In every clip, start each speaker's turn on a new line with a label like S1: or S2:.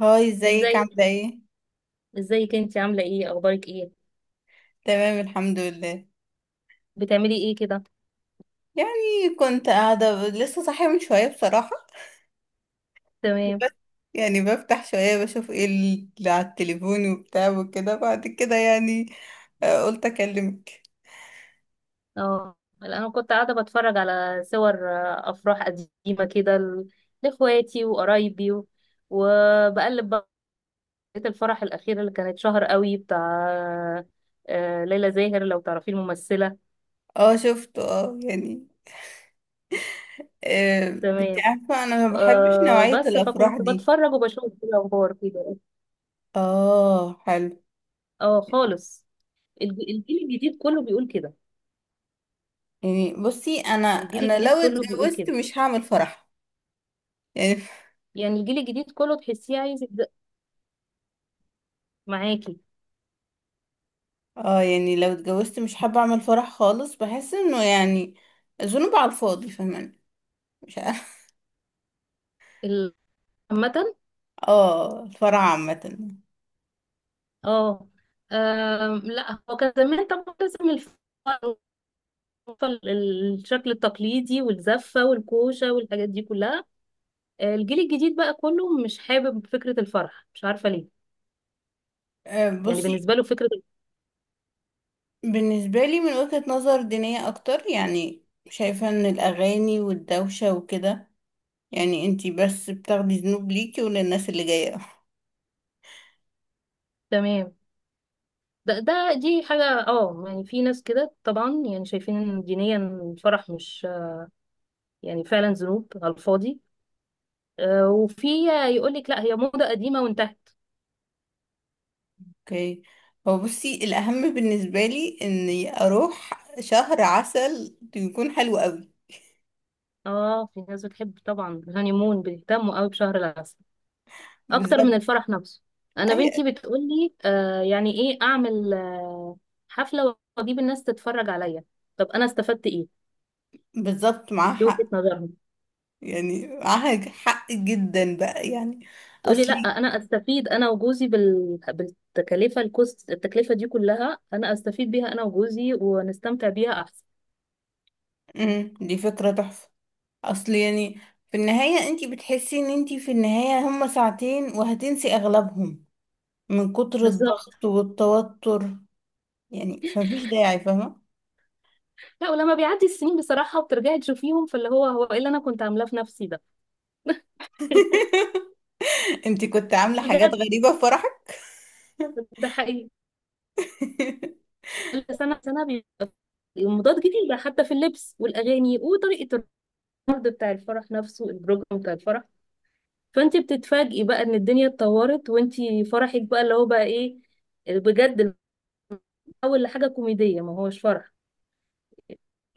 S1: هاي، ازيك؟
S2: ازاي؟
S1: عاملة ايه؟
S2: ازيك، انت عامله ايه، اخبارك ايه؟
S1: تمام الحمد لله.
S2: بتعملي ايه كده؟
S1: يعني كنت قاعدة لسه صاحية من شوية بصراحة،
S2: تمام.
S1: بس. يعني بفتح شوية بشوف ايه اللي على التليفون وبتاع وكده بعد كده، يعني قلت اكلمك.
S2: اه لا، انا كنت قاعده بتفرج على صور افراح قديمه كده لاخواتي وقرايبي وبقلب بقى. لقيت الفرح الاخير اللي كانت شهر قوي بتاع ليلى زاهر، لو تعرفي الممثله.
S1: اه شفته، اه يعني. آه، انت
S2: تمام.
S1: عارفة انا ما بحبش
S2: أه
S1: نوعية
S2: بس
S1: الافراح
S2: فكنت
S1: دي.
S2: بتفرج وبشوف كده اخبار كده.
S1: اه حلو.
S2: اه خالص. الجيل الجديد كله بيقول كده.
S1: يعني بصي، انا
S2: الجيل
S1: انا
S2: الجديد
S1: لو
S2: كله بيقول
S1: اتجوزت
S2: كده،
S1: مش هعمل فرح، يعني
S2: يعني الجيل الجديد كله تحسيه عايز معاكي.
S1: اه يعني لو اتجوزت مش حابة اعمل فرح خالص، بحس انه يعني ذنوب على الفاضي، فاهماني؟ مش عارفة.
S2: ال- عامة.
S1: اه، الفرح عامة.
S2: اه. لا، هو كان زمان طبعا لازم الشكل التقليدي والزفة والكوشة والحاجات دي كلها. الجيل الجديد بقى كله مش حابب فكرة الفرح، مش عارفة ليه. يعني
S1: بصي،
S2: بالنسبة له فكرة ال-.
S1: بالنسبة لي من وجهة نظر دينية اكتر، يعني شايفة ان الاغاني والدوشة وكده، يعني انتي بس بتاخدي ذنوب ليكي وللناس اللي جاية
S2: تمام. ده، دي حاجة، يعني في ناس كده طبعا، يعني شايفين ان دينيا الفرح مش، يعني فعلا ذنوب على الفاضي. وفي. يقول لك لا، هي موضة قديمة وانتهت.
S1: اوكي، هو بصي الاهم بالنسبة لي اني اروح شهر عسل يكون حلو قوي.
S2: اه في ناس بتحب طبعا الهانيمون، بيهتموا قوي بشهر العسل اكتر من
S1: بالظبط.
S2: الفرح نفسه. انا
S1: اي،
S2: بنتي بتقول لي يعني ايه اعمل حفله واجيب الناس تتفرج عليا؟ طب انا استفدت ايه؟
S1: بالظبط معاها
S2: دي
S1: حق.
S2: وجهه نظرهم.
S1: يعني معاها حق جدا بقى، يعني
S2: تقولي لا،
S1: اصلي.
S2: انا استفيد انا وجوزي بالتكلفه، الكوست، التكلفه دي كلها انا استفيد بيها انا وجوزي ونستمتع بيها احسن.
S1: دي فكرة تحفة. اصل يعني في النهاية انتي بتحسي ان انتي في النهاية هما ساعتين وهتنسي اغلبهم من كتر
S2: بالظبط.
S1: الضغط والتوتر، يعني فمفيش داعي، فاهمة؟
S2: لا، ولما بيعدي السنين بصراحه، وبترجعي تشوفيهم، فاللي هو ايه اللي انا كنت عاملاه في نفسي ده.
S1: انتي كنت عاملة حاجات
S2: بجد،
S1: غريبة في فرحك؟
S2: ده حقيقي. كل سنة سنة المضاد جديدة، حتى في اللبس والأغاني وطريقة العرض بتاع الفرح نفسه، البروجرام بتاع الفرح. فأنت بتتفاجئي بقى إن الدنيا اتطورت وأنت فرحك بقى اللي هو بقى إيه؟ بجد. أول لحاجة كوميدية، ما هوش فرح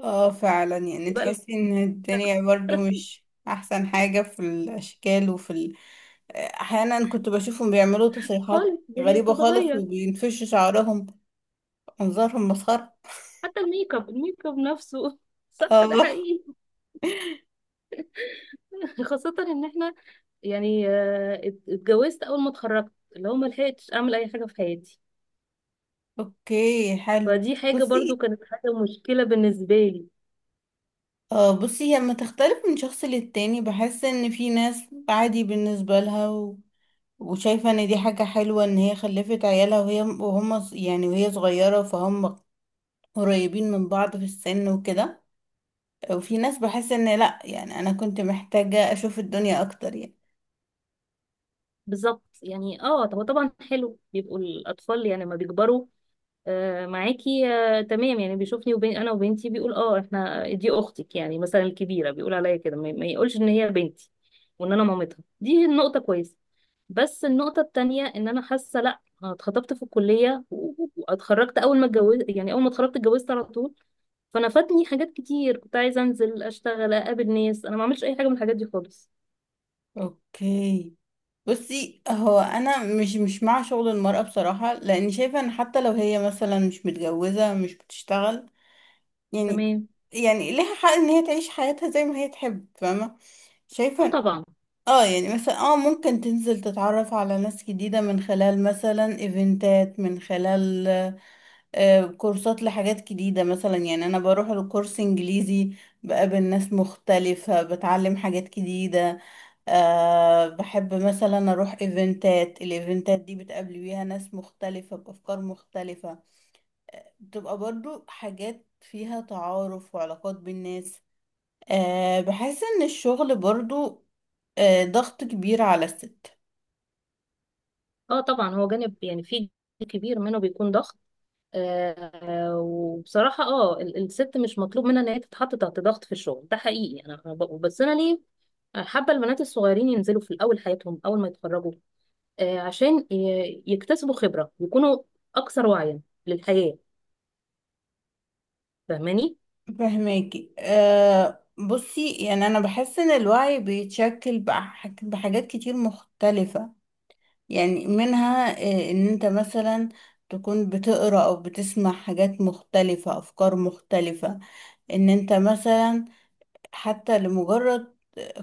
S1: اه فعلا، يعني
S2: بقى.
S1: تحسي ان الدنيا برضو مش احسن حاجة في الاشكال احيانا كنت بشوفهم بيعملوا تصريحات
S2: خالص، الدنيا
S1: غريبة خالص،
S2: بتتغير.
S1: وبينفشوا شعرهم، منظرهم مسخرة.
S2: حتى الميك اب نفسه، صح، ده
S1: اه،
S2: حقيقي. خاصة إن إحنا يعني اتجوزت أول ما اتخرجت، اللي هو ما لحقتش أعمل أي حاجة في حياتي.
S1: اوكي حلو.
S2: فدي حاجة برضو
S1: بصي،
S2: كانت حاجة مشكلة بالنسبة لي.
S1: اه بصي، هي لما تختلف من شخص للتاني، بحس ان في ناس عادي بالنسبة لها، و... وشايفة ان دي حاجة حلوة ان هي خلفت عيالها، وهي يعني وهي صغيرة، فهم قريبين من بعض في السن وكده. وفي ناس بحس ان لا، يعني انا كنت محتاجة اشوف الدنيا اكتر، يعني.
S2: بالظبط، يعني اه هو طبعا حلو بيبقوا الاطفال يعني لما بيكبروا. آه معاكي، آه، تمام. يعني بيشوفني وبين انا وبنتي، بيقول اه احنا، دي اختك، يعني مثلا الكبيره بيقول عليا كده، ما يقولش ان هي بنتي. وان انا مامتها، دي النقطه كويسه. بس النقطه التانية، ان انا حاسه لا، انا اتخطبت في الكليه واتخرجت اول ما اتجوزت، يعني اول ما اتخرجت اتجوزت على طول. فانا فاتني حاجات كتير، كنت عايزه انزل اشتغل اقابل ناس، انا ما عملتش اي حاجه من الحاجات دي خالص.
S1: اوكي. بصي، هو انا مش مع شغل المرأة بصراحة، لان شايفة ان حتى لو هي مثلا مش متجوزة مش بتشتغل، يعني،
S2: تمام.
S1: يعني ليها حق ان هي تعيش حياتها زي ما هي تحب، فاهمة؟ شايفة
S2: اه
S1: إن-
S2: طبعا.
S1: اه يعني مثلا، اه ممكن تنزل تتعرف على ناس جديدة من خلال مثلا ايفنتات، من خلال كورسات لحاجات جديدة مثلا، يعني أنا بروح لكورس إنجليزي، بقابل ناس مختلفة، بتعلم حاجات جديدة. أه بحب مثلا اروح ايفنتات، الايفنتات دي بتقابلي بيها ناس مختلفة بافكار مختلفة، بتبقى برضو حاجات فيها تعارف وعلاقات بين الناس. أه بحس ان الشغل برضو أه ضغط كبير على الست.
S2: اه طبعا، هو جانب يعني في جانب كبير منه بيكون ضغط. وبصراحة الست مش مطلوب منها ان هي تتحط تحت ضغط في الشغل، ده حقيقي. أنا بس انا ليه حابة البنات الصغيرين ينزلوا في الاول حياتهم اول ما يتخرجوا، آه عشان يكتسبوا خبرة، يكونوا اكثر وعيا للحياة. فاهماني؟
S1: فهماكي. أه بصي، يعني انا بحس ان الوعي بيتشكل بحاجات كتير مختلفة، يعني منها أه ان انت مثلا تكون بتقرأ او بتسمع حاجات مختلفة، افكار مختلفة، ان انت مثلا حتى لمجرد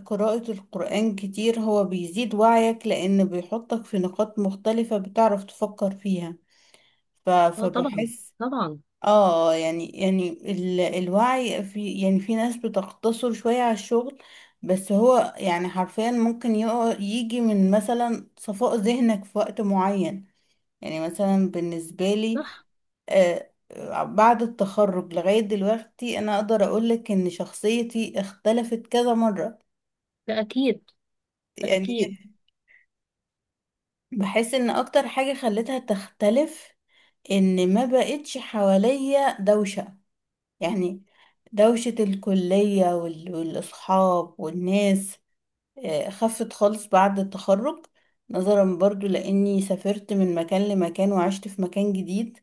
S1: قراءة القرآن كتير، هو بيزيد وعيك، لان بيحطك في نقاط مختلفة بتعرف تفكر فيها.
S2: اه طبعا.
S1: فبحس
S2: طبعا.
S1: اه، يعني الوعي، في يعني في ناس بتقتصر شوية على الشغل، بس هو يعني حرفيا ممكن يجي من مثلا صفاء ذهنك في وقت معين، يعني مثلا بالنسبة لي.
S2: صح.
S1: بعد التخرج لغاية دلوقتي أنا أقدر أقولك إن شخصيتي اختلفت كذا مرة،
S2: ده اكيد. ده
S1: يعني.
S2: اكيد.
S1: بحس إن أكتر حاجة خلتها تختلف إن ما بقتش حواليا دوشة، يعني دوشة الكلية والأصحاب والناس. خفت خالص بعد التخرج، نظرا برضو لأني سافرت من مكان لمكان وعشت في مكان جديد.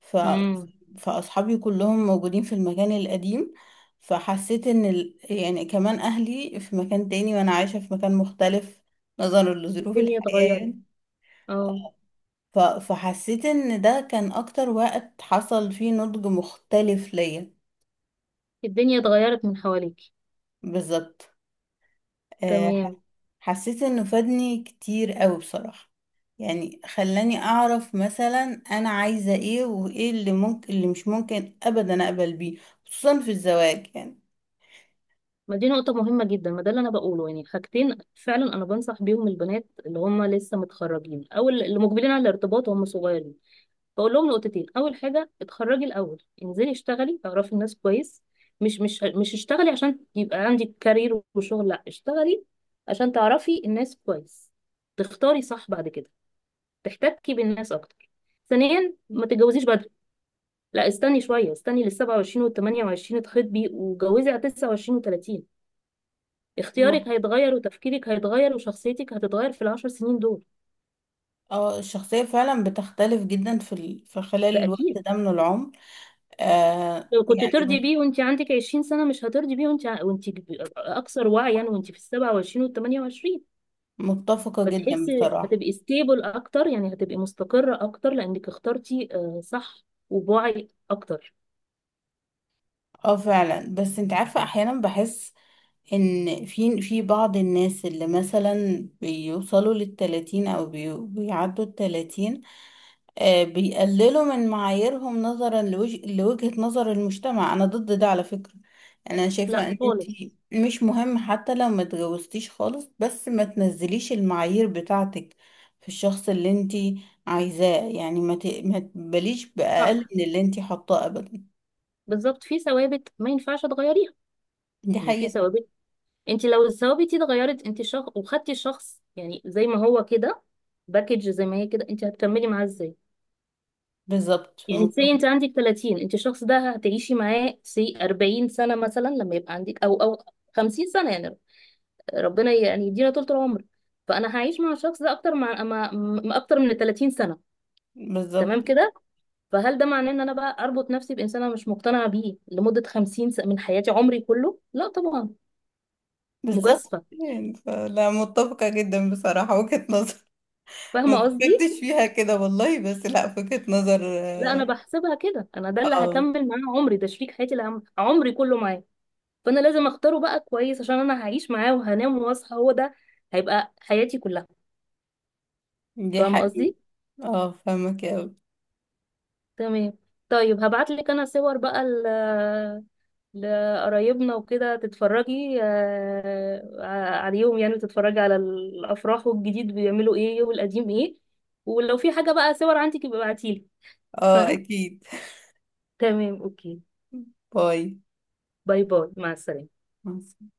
S1: ف...
S2: امم.
S1: فأصحابي كلهم موجودين في المكان القديم، فحسيت إن يعني كمان أهلي في مكان تاني وأنا عايشة في مكان مختلف نظرا لظروف
S2: الدنيا
S1: الحياة،
S2: اتغيرت.
S1: يعني.
S2: اه،
S1: فحسيت إن ده كان أكتر وقت حصل فيه نضج مختلف ليا.
S2: الدنيا اتغيرت من حواليك.
S1: بالظبط. آه،
S2: تمام.
S1: ح- حسيت إنه فادني كتير قوي بصراحة، يعني خلاني أعرف مثلا أنا عايزة إيه، وإيه اللي ممكن اللي مش ممكن أبدا أقبل بيه، خصوصا في الزواج.
S2: ما دي نقطة مهمة جدا، ما ده اللي أنا بقوله، يعني حاجتين فعلا أنا بنصح بيهم البنات اللي هم لسه متخرجين أو اللي مقبلين على الارتباط وهم صغيرين. بقول لهم نقطتين، أول حاجة اتخرجي الأول، انزلي اشتغلي، اعرفي الناس كويس، مش مش مش اشتغلي عشان يبقى عندك كارير وشغل، لا اشتغلي عشان تعرفي الناس كويس، تختاري صح بعد كده، تحتكي بالناس أكتر. ثانيا ما تتجوزيش بدري، لا استني شوية، استني لل 27 وال 28 تخطبي، وجوزي على 29 و30. اختيارك
S1: يعني
S2: هيتغير وتفكيرك هيتغير وشخصيتك هتتغير في العشر سنين دول.
S1: اه الشخصية فعلا بتختلف جدا في خلال
S2: ده
S1: الوقت
S2: اكيد.
S1: ده من العمر، آه
S2: لو كنت
S1: يعني
S2: ترضي
S1: م-
S2: بيه وانت عندك 20 سنة، مش هترضي بيه وانت وانت اكثر وعيا، وانت في ال 27 وال 28.
S1: متفقة جدا
S2: فتحسي
S1: بصراحة.
S2: هتبقي ستيبل اكتر، يعني هتبقي مستقرة اكتر لانك اخترتي صح وبوعي اكتر.
S1: اه فعلا، بس انت عارفة احيانا بحس ان في بعض الناس اللي مثلا بيوصلوا للتلاتين او بيعدوا التلاتين، بيقللوا من معاييرهم نظرا لوجهة نظر المجتمع، انا ضد ده على فكرة. يعني انا شايفة
S2: لا
S1: ان انتي
S2: خالص.
S1: مش مهم حتى لو ما اتجوزتيش خالص، بس ما تنزليش المعايير بتاعتك في الشخص اللي انتي عايزاه، يعني ما تباليش بأقل
S2: صح،
S1: من اللي انتي حاطاه ابدا.
S2: بالظبط، في ثوابت ما ينفعش تغيريها.
S1: دي
S2: يعني في
S1: حقيقة.
S2: ثوابت، انت لو الثوابت دي اتغيرت، انت شخص وخدتي شخص يعني زي ما هو كده، باكج زي ما هي كده، انت هتكملي معاه ازاي؟
S1: بالظبط
S2: يعني
S1: متفق.
S2: سي انت عندك 30، انت الشخص ده هتعيشي معاه سي 40 سنة مثلا، لما يبقى عندك او 50 سنة يعني. ربنا يعني يدينا طول العمر. فانا هعيش مع الشخص ده اكتر مع مع م- اكتر من 30 سنة.
S1: بالظبط
S2: تمام كده. فهل ده معناه ان انا بقى اربط نفسي بانسان انا مش مقتنعة بيه لمدة 50 سنة من حياتي، عمري كله؟ لا طبعا،
S1: بالظبط،
S2: مجازفة.
S1: يعني لا، متفقة جدا بصراحة وجهة نظر ما
S2: فاهمة قصدي؟
S1: فكرتش فيها كده والله، بس لا، وجهة نظر
S2: لا، انا بحسبها كده، انا ده اللي
S1: آه.
S2: هكمل معاه عمري، ده شريك حياتي اللي عمري كله معاه. فانا لازم اختاره بقى كويس عشان انا هعيش معاه وهنام واصحى هو ده، هيبقى حياتي كلها.
S1: دي
S2: فاهمه
S1: حقيقة.
S2: قصدي؟
S1: اه فاهمك اوي.
S2: تمام. طيب، هبعت لك انا صور بقى لقرايبنا وكده تتفرجي عليهم، يعني تتفرجي على الافراح، والجديد بيعملوا ايه والقديم ايه. ولو في حاجه بقى صور عندك يبقى ابعتيلي.
S1: اه
S2: تمام.
S1: اكيد.
S2: تمام، اوكي.
S1: باي،
S2: باي. باي، مع السلامه.
S1: مع السلامة.